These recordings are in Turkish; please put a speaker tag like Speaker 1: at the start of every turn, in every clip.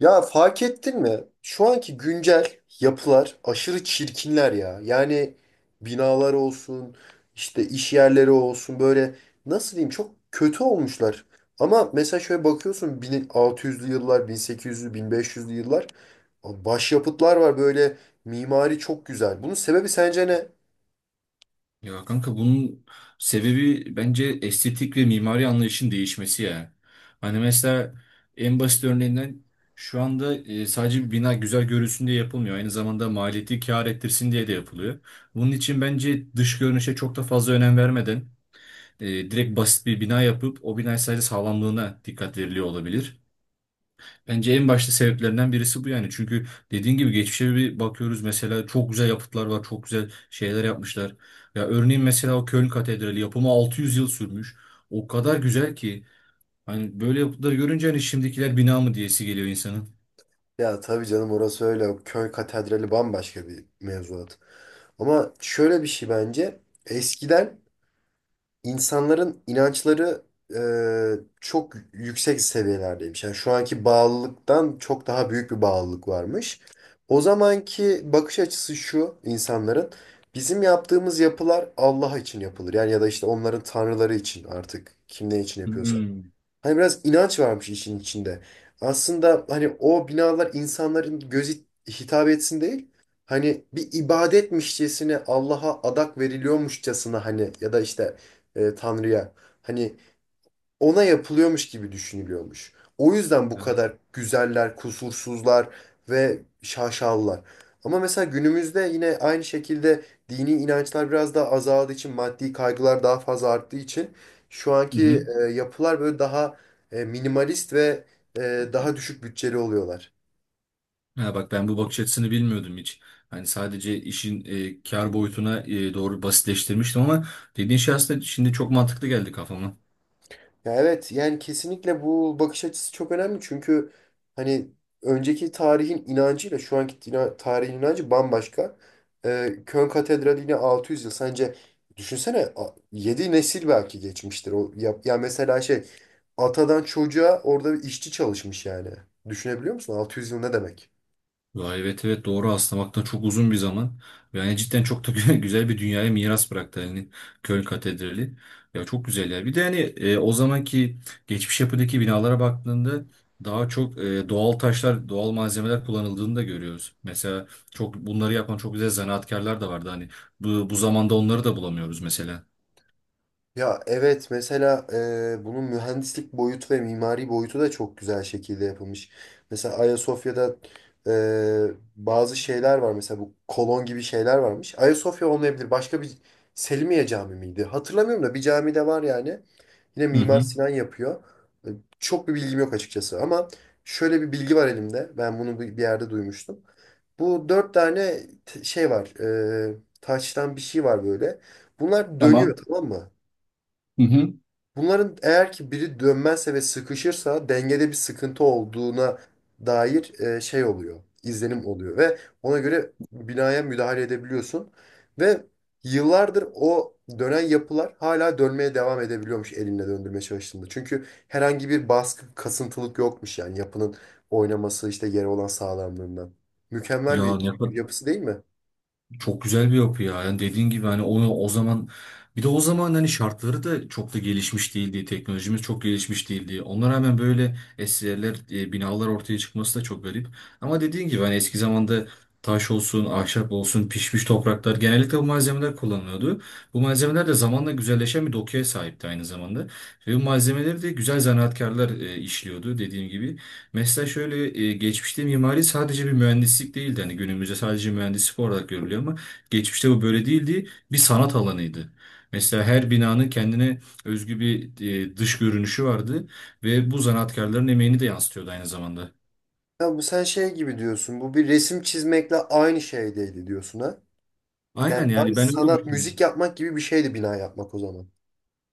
Speaker 1: Ya fark ettin mi? Şu anki güncel yapılar aşırı çirkinler ya. Yani binalar olsun, işte iş yerleri olsun böyle nasıl diyeyim çok kötü olmuşlar. Ama mesela şöyle bakıyorsun 1600'lü yıllar, 1800'lü, 1500'lü yıllar başyapıtlar var böyle mimari çok güzel. Bunun sebebi sence ne?
Speaker 2: Ya kanka bunun sebebi bence estetik ve mimari anlayışın değişmesi ya. Hani mesela en basit örneğinden şu anda sadece bir bina güzel görülsün diye yapılmıyor. Aynı zamanda maliyeti kâr ettirsin diye de yapılıyor. Bunun için bence dış görünüşe çok da fazla önem vermeden direkt basit bir bina yapıp o bina sadece sağlamlığına dikkat veriliyor olabilir. Bence en başta sebeplerinden birisi bu yani. Çünkü dediğin gibi geçmişe bir bakıyoruz mesela çok güzel yapıtlar var, çok güzel şeyler yapmışlar. Ya örneğin mesela o Köln Katedrali yapımı 600 yıl sürmüş. O kadar güzel ki hani böyle yapıtları görünce hani şimdikiler bina mı diyesi geliyor insanın.
Speaker 1: Ya tabii canım orası öyle. O Köy katedrali bambaşka bir mevzuat. Ama şöyle bir şey bence. Eskiden insanların inançları e, çok yüksek seviyelerdeymiş. Yani şu anki bağlılıktan çok daha büyük bir bağlılık varmış. O zamanki bakış açısı şu insanların bizim yaptığımız yapılar Allah için yapılır. Yani ya da işte onların tanrıları için artık kim ne için yapıyorsa.
Speaker 2: Hmm.
Speaker 1: Hani biraz inanç varmış işin içinde. Aslında hani o binalar insanların gözü hitap etsin değil. Hani bir ibadetmişçesine Allah'a adak veriliyormuşçasına hani ya da işte Tanrı'ya. Hani ona yapılıyormuş gibi düşünülüyormuş. O yüzden bu
Speaker 2: Ya.
Speaker 1: kadar güzeller, kusursuzlar ve şaşalılar. Ama mesela günümüzde yine aynı şekilde dini inançlar biraz daha azaldığı için, maddi kaygılar daha fazla arttığı için şu
Speaker 2: Hı
Speaker 1: anki
Speaker 2: hı.
Speaker 1: yapılar böyle daha minimalist ve daha düşük bütçeli oluyorlar.
Speaker 2: Ha bak ben bu bakış açısını bilmiyordum hiç. Hani sadece işin kar boyutuna doğru basitleştirmiştim ama dediğin şey aslında şimdi çok mantıklı geldi kafama.
Speaker 1: Ya evet yani kesinlikle bu bakış açısı çok önemli çünkü hani önceki tarihin inancıyla şu anki tarihin inancı bambaşka. Köln Katedrali yine 600 yıl. Sence düşünsene 7 nesil belki geçmiştir. O, ya, ya mesela şey atadan çocuğa orada bir işçi çalışmış yani. Düşünebiliyor musun? 600 yıl ne demek?
Speaker 2: Ya evet evet doğru aslamaktan çok uzun bir zaman. Yani cidden çok da güzel bir dünyaya miras bıraktı hani Köln Katedrali. Ya çok güzel ya. Bir de hani o zamanki geçmiş yapıdaki binalara baktığında daha çok doğal taşlar, doğal malzemeler kullanıldığını da görüyoruz. Mesela çok bunları yapan çok güzel zanaatkarlar da vardı hani. Bu zamanda onları da bulamıyoruz mesela.
Speaker 1: Ya evet mesela bunun mühendislik boyutu ve mimari boyutu da çok güzel şekilde yapılmış. Mesela Ayasofya'da bazı şeyler var mesela bu kolon gibi şeyler varmış. Ayasofya olmayabilir başka bir Selimiye Camii miydi? Hatırlamıyorum da bir cami de var yani. Yine
Speaker 2: Hı
Speaker 1: Mimar
Speaker 2: hı.
Speaker 1: Sinan yapıyor. E, Çok bir bilgim yok açıkçası ama şöyle bir bilgi var elimde. Ben bunu bir yerde duymuştum. Bu dört tane şey var. E, taştan bir şey var böyle. Bunlar dönüyor
Speaker 2: Tamam.
Speaker 1: tamam mı?
Speaker 2: Hı hı.
Speaker 1: Bunların eğer ki biri dönmezse ve sıkışırsa dengede bir sıkıntı olduğuna dair şey oluyor, izlenim oluyor ve ona göre binaya müdahale edebiliyorsun ve yıllardır o dönen yapılar hala dönmeye devam edebiliyormuş elinle döndürmeye çalıştığında. Çünkü herhangi bir baskı, kasıntılık yokmuş yani yapının oynaması işte yere olan sağlamlığından. Mükemmel
Speaker 2: Ya
Speaker 1: bir
Speaker 2: ne,
Speaker 1: yapısı değil mi?
Speaker 2: Çok güzel bir yapı ya. Yani dediğin gibi hani onu o zaman bir de o zaman hani şartları da çok da gelişmiş değildi. Teknolojimiz çok gelişmiş değildi. Ona rağmen böyle eserler, binalar ortaya çıkması da çok garip. Ama dediğin gibi hani eski zamanda taş olsun, ahşap olsun, pişmiş topraklar genellikle bu malzemeler kullanılıyordu. Bu malzemeler de zamanla güzelleşen bir dokuya sahipti aynı zamanda. Ve bu malzemeleri de güzel zanaatkarlar işliyordu dediğim gibi. Mesela şöyle geçmişte mimari sadece bir mühendislik değildi. Hani günümüzde sadece mühendislik olarak görülüyor ama geçmişte bu böyle değildi. Bir sanat alanıydı. Mesela her binanın kendine özgü bir dış görünüşü vardı ve bu zanaatkarların emeğini de yansıtıyordu aynı zamanda.
Speaker 1: Ya bu sen şey gibi diyorsun. Bu bir resim çizmekle aynı şey değil diyorsun ha? Yani
Speaker 2: Aynen
Speaker 1: abi
Speaker 2: yani ben öyle
Speaker 1: sanat, müzik
Speaker 2: düşünüyorum.
Speaker 1: yapmak gibi bir şeydi bina yapmak o zaman.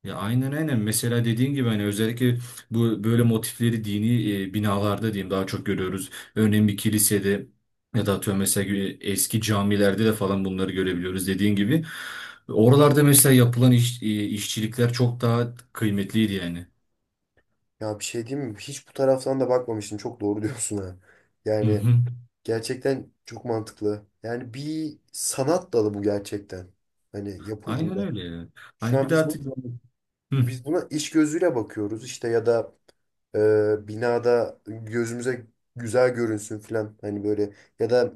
Speaker 2: Ya aynen aynen. Mesela dediğin gibi hani özellikle bu böyle motifleri dini binalarda diyeyim daha çok görüyoruz. Örneğin bir kilisede ya da atıyorum mesela eski camilerde de falan bunları görebiliyoruz dediğin gibi. Oralarda mesela yapılan iş, işçilikler çok daha kıymetliydi yani.
Speaker 1: Ya bir şey diyeyim mi? Hiç bu taraftan da bakmamıştım. Çok doğru diyorsun ha.
Speaker 2: Hı
Speaker 1: Yani
Speaker 2: hı.
Speaker 1: gerçekten çok mantıklı. Yani bir sanat dalı bu gerçekten. Hani
Speaker 2: Aynen
Speaker 1: yapıldığında.
Speaker 2: öyle. Yani
Speaker 1: Şu
Speaker 2: hani
Speaker 1: an
Speaker 2: bir de artık. Hı.
Speaker 1: biz buna iş gözüyle bakıyoruz işte ya da binada gözümüze güzel görünsün filan. Hani böyle ya da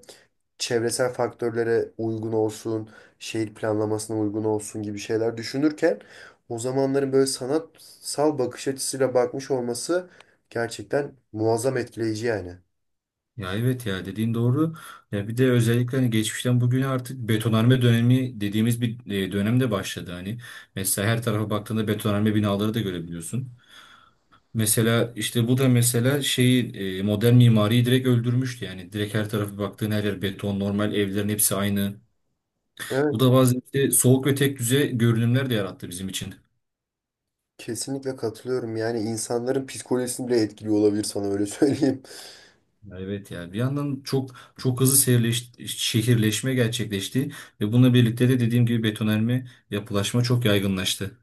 Speaker 1: çevresel faktörlere uygun olsun, şehir planlamasına uygun olsun gibi şeyler düşünürken o zamanların böyle sanatsal bakış açısıyla bakmış olması gerçekten muazzam etkileyici yani.
Speaker 2: Ya evet ya dediğin doğru. Ya bir de özellikle hani geçmişten bugüne artık betonarme dönemi dediğimiz bir dönem de başladı hani. Mesela her tarafa baktığında betonarme binaları da görebiliyorsun. Mesela işte bu da mesela şeyi modern mimariyi direkt öldürmüştü yani. Direkt her tarafa baktığın her yer beton, normal evlerin hepsi aynı. Bu
Speaker 1: Evet,
Speaker 2: da bazen işte soğuk ve tek düze görünümler de yarattı bizim için.
Speaker 1: kesinlikle katılıyorum. Yani insanların psikolojisini bile etkiliyor olabilir sana öyle söyleyeyim.
Speaker 2: Evet yani bir yandan çok çok hızlı şehirleşme gerçekleşti ve bununla birlikte de dediğim gibi betonarme yapılaşma çok yaygınlaştı.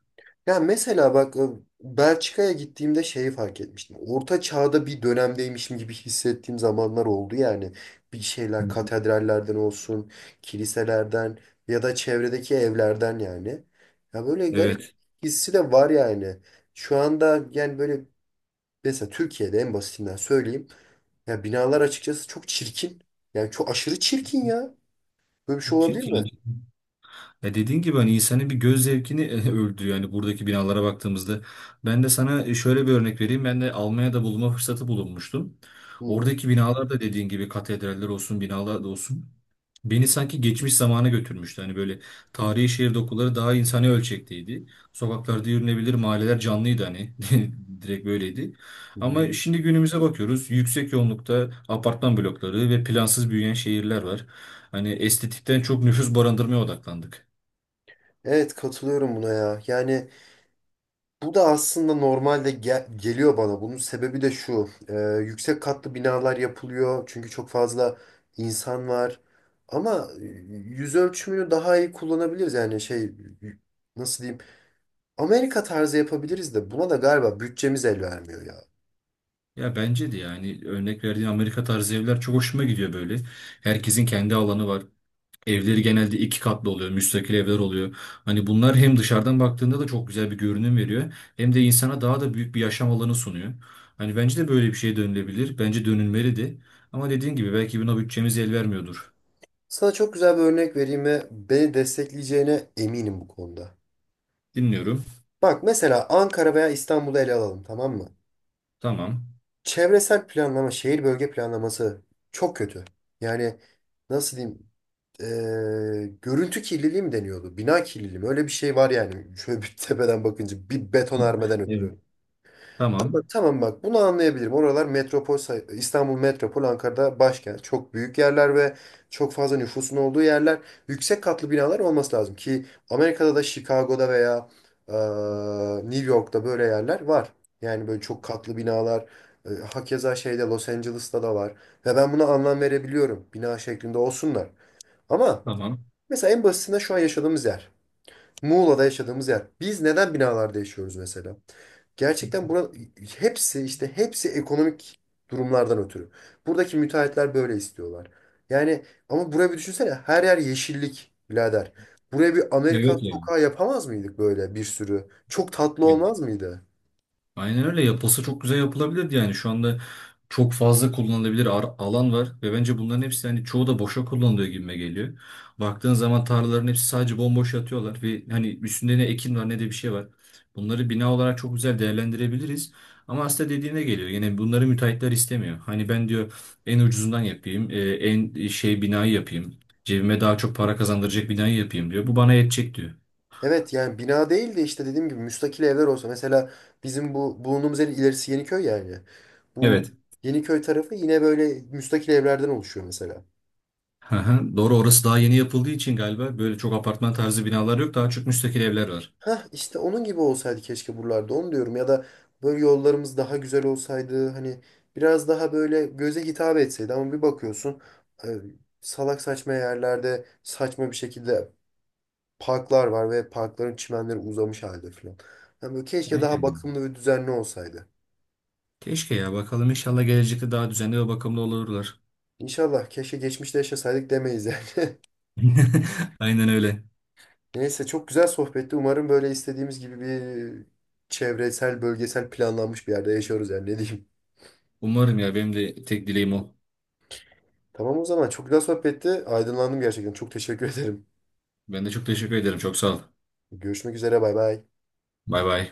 Speaker 1: Ya mesela bak Belçika'ya gittiğimde şeyi fark etmiştim. Orta çağda bir dönemdeymişim gibi hissettiğim zamanlar oldu yani. Bir
Speaker 2: Hı
Speaker 1: şeyler
Speaker 2: hı.
Speaker 1: katedrallerden olsun, kiliselerden ya da çevredeki evlerden yani. Ya böyle garip
Speaker 2: Evet.
Speaker 1: hissi de var yani. Şu anda yani böyle mesela Türkiye'de en basitinden söyleyeyim. Ya binalar açıkçası çok çirkin. Yani çok aşırı çirkin ya. Böyle bir şey
Speaker 2: Çok
Speaker 1: olabilir
Speaker 2: çirkin.
Speaker 1: mi?
Speaker 2: Ya dediğin gibi hani insanın bir göz zevkini öldürüyor. Yani buradaki binalara baktığımızda. Ben de sana şöyle bir örnek vereyim. Ben de Almanya'da bulunma fırsatı bulunmuştum.
Speaker 1: Hı hı.
Speaker 2: Oradaki binalar da dediğin gibi katedraller olsun, binalar da olsun. Beni sanki geçmiş zamana götürmüştü. Hani böyle tarihi şehir dokuları daha insani ölçekteydi. Sokaklarda yürünebilir, mahalleler canlıydı hani. Direkt böyleydi.
Speaker 1: Hı
Speaker 2: Ama
Speaker 1: hı.
Speaker 2: şimdi günümüze bakıyoruz. Yüksek yoğunlukta apartman blokları ve plansız büyüyen şehirler var. Hani estetikten çok nüfus barındırmaya odaklandık.
Speaker 1: Evet katılıyorum buna ya. Yani bu da aslında normalde geliyor bana. Bunun sebebi de şu. Yüksek katlı binalar yapılıyor. Çünkü çok fazla insan var. Ama yüz ölçümünü daha iyi kullanabiliriz. Yani şey y- nasıl diyeyim? Amerika tarzı yapabiliriz de buna da galiba bütçemiz el vermiyor ya.
Speaker 2: Ya bence de yani örnek verdiğin Amerika tarzı evler çok hoşuma gidiyor böyle. Herkesin kendi alanı var. Evleri genelde iki katlı oluyor, müstakil evler oluyor. Hani bunlar hem dışarıdan baktığında da çok güzel bir görünüm veriyor, hem de insana daha da büyük bir yaşam alanı sunuyor. Hani bence de böyle bir şey dönülebilir. Bence dönülmeli de. Ama dediğin gibi belki buna bütçemiz el vermiyordur.
Speaker 1: Sana çok güzel bir örnek vereyim ve beni destekleyeceğine eminim bu konuda.
Speaker 2: Dinliyorum.
Speaker 1: Bak mesela Ankara veya İstanbul'u ele alalım tamam mı?
Speaker 2: Tamam.
Speaker 1: Çevresel planlama, şehir bölge planlaması çok kötü. Yani nasıl diyeyim? Görüntü kirliliği mi deniyordu? Bina kirliliği mi? Öyle bir şey var yani. Şöyle bir tepeden bakınca bir betonarmeden
Speaker 2: Evet.
Speaker 1: ötürü. Ama
Speaker 2: Tamam.
Speaker 1: tamam bak bunu anlayabilirim. Oralar metropol, İstanbul metropol, Ankara'da başkent. Çok büyük yerler ve çok fazla nüfusun olduğu yerler. Yüksek katlı binalar olması lazım ki Amerika'da da Chicago'da veya New York'ta böyle yerler var. Yani böyle çok katlı binalar. Hakeza şeyde Los Angeles'ta da var. Ve ben buna anlam verebiliyorum. Bina şeklinde olsunlar. Ama
Speaker 2: Tamam.
Speaker 1: mesela en basitinden şu an yaşadığımız yer. Muğla'da yaşadığımız yer. Biz neden binalarda yaşıyoruz mesela? Gerçekten bura hepsi işte hepsi ekonomik durumlardan ötürü. Buradaki müteahhitler böyle istiyorlar. Yani ama buraya bir düşünsene her yer yeşillik birader. Buraya bir
Speaker 2: Ya
Speaker 1: Amerikan
Speaker 2: yok yani.
Speaker 1: sokağı yapamaz mıydık böyle bir sürü? Çok tatlı olmaz mıydı?
Speaker 2: Aynen öyle yapılsa çok güzel yapılabilirdi yani şu anda çok fazla kullanılabilir alan var ve bence bunların hepsi hani çoğu da boşa kullanılıyor gibime geliyor. Baktığın zaman tarlaların hepsi sadece bomboş yatıyorlar ve hani üstünde ne ekin var ne de bir şey var. Bunları bina olarak çok güzel değerlendirebiliriz. Ama aslında dediğine geliyor. Yine bunları müteahhitler istemiyor. Hani ben diyor en ucuzundan yapayım, şey binayı yapayım. Cebime daha çok para kazandıracak binayı yapayım diyor. Bu bana yetecek diyor.
Speaker 1: Evet yani bina değil de işte dediğim gibi müstakil evler olsa. Mesela bizim bu bulunduğumuz yerin ilerisi Yeniköy yani. Bu
Speaker 2: Evet.
Speaker 1: Yeniköy tarafı yine böyle müstakil evlerden oluşuyor mesela.
Speaker 2: Hı hı, doğru orası daha yeni yapıldığı için galiba böyle çok apartman tarzı binalar yok. Daha çok müstakil evler var.
Speaker 1: Hah işte onun gibi olsaydı keşke buralarda onu diyorum. Ya da böyle yollarımız daha güzel olsaydı. Hani biraz daha böyle göze hitap etseydi. Ama bir bakıyorsun e, salak saçma yerlerde saçma bir şekilde parklar var ve parkların çimenleri uzamış halde falan. Yani böyle keşke daha
Speaker 2: Aynen. Yani,
Speaker 1: bakımlı ve düzenli olsaydı.
Speaker 2: keşke ya bakalım inşallah gelecekte daha düzenli ve bakımlı olurlar.
Speaker 1: İnşallah keşke geçmişte yaşasaydık demeyiz yani.
Speaker 2: Aynen öyle.
Speaker 1: Neyse çok güzel sohbetti. Umarım böyle istediğimiz gibi bir çevresel, bölgesel planlanmış bir yerde yaşıyoruz yani ne diyeyim.
Speaker 2: Umarım ya benim de tek dileğim o.
Speaker 1: Tamam o zaman çok güzel sohbetti. Aydınlandım gerçekten. Çok teşekkür ederim.
Speaker 2: Ben de çok teşekkür ederim. Çok sağ ol.
Speaker 1: Görüşmek üzere bay bay.
Speaker 2: Bay bay.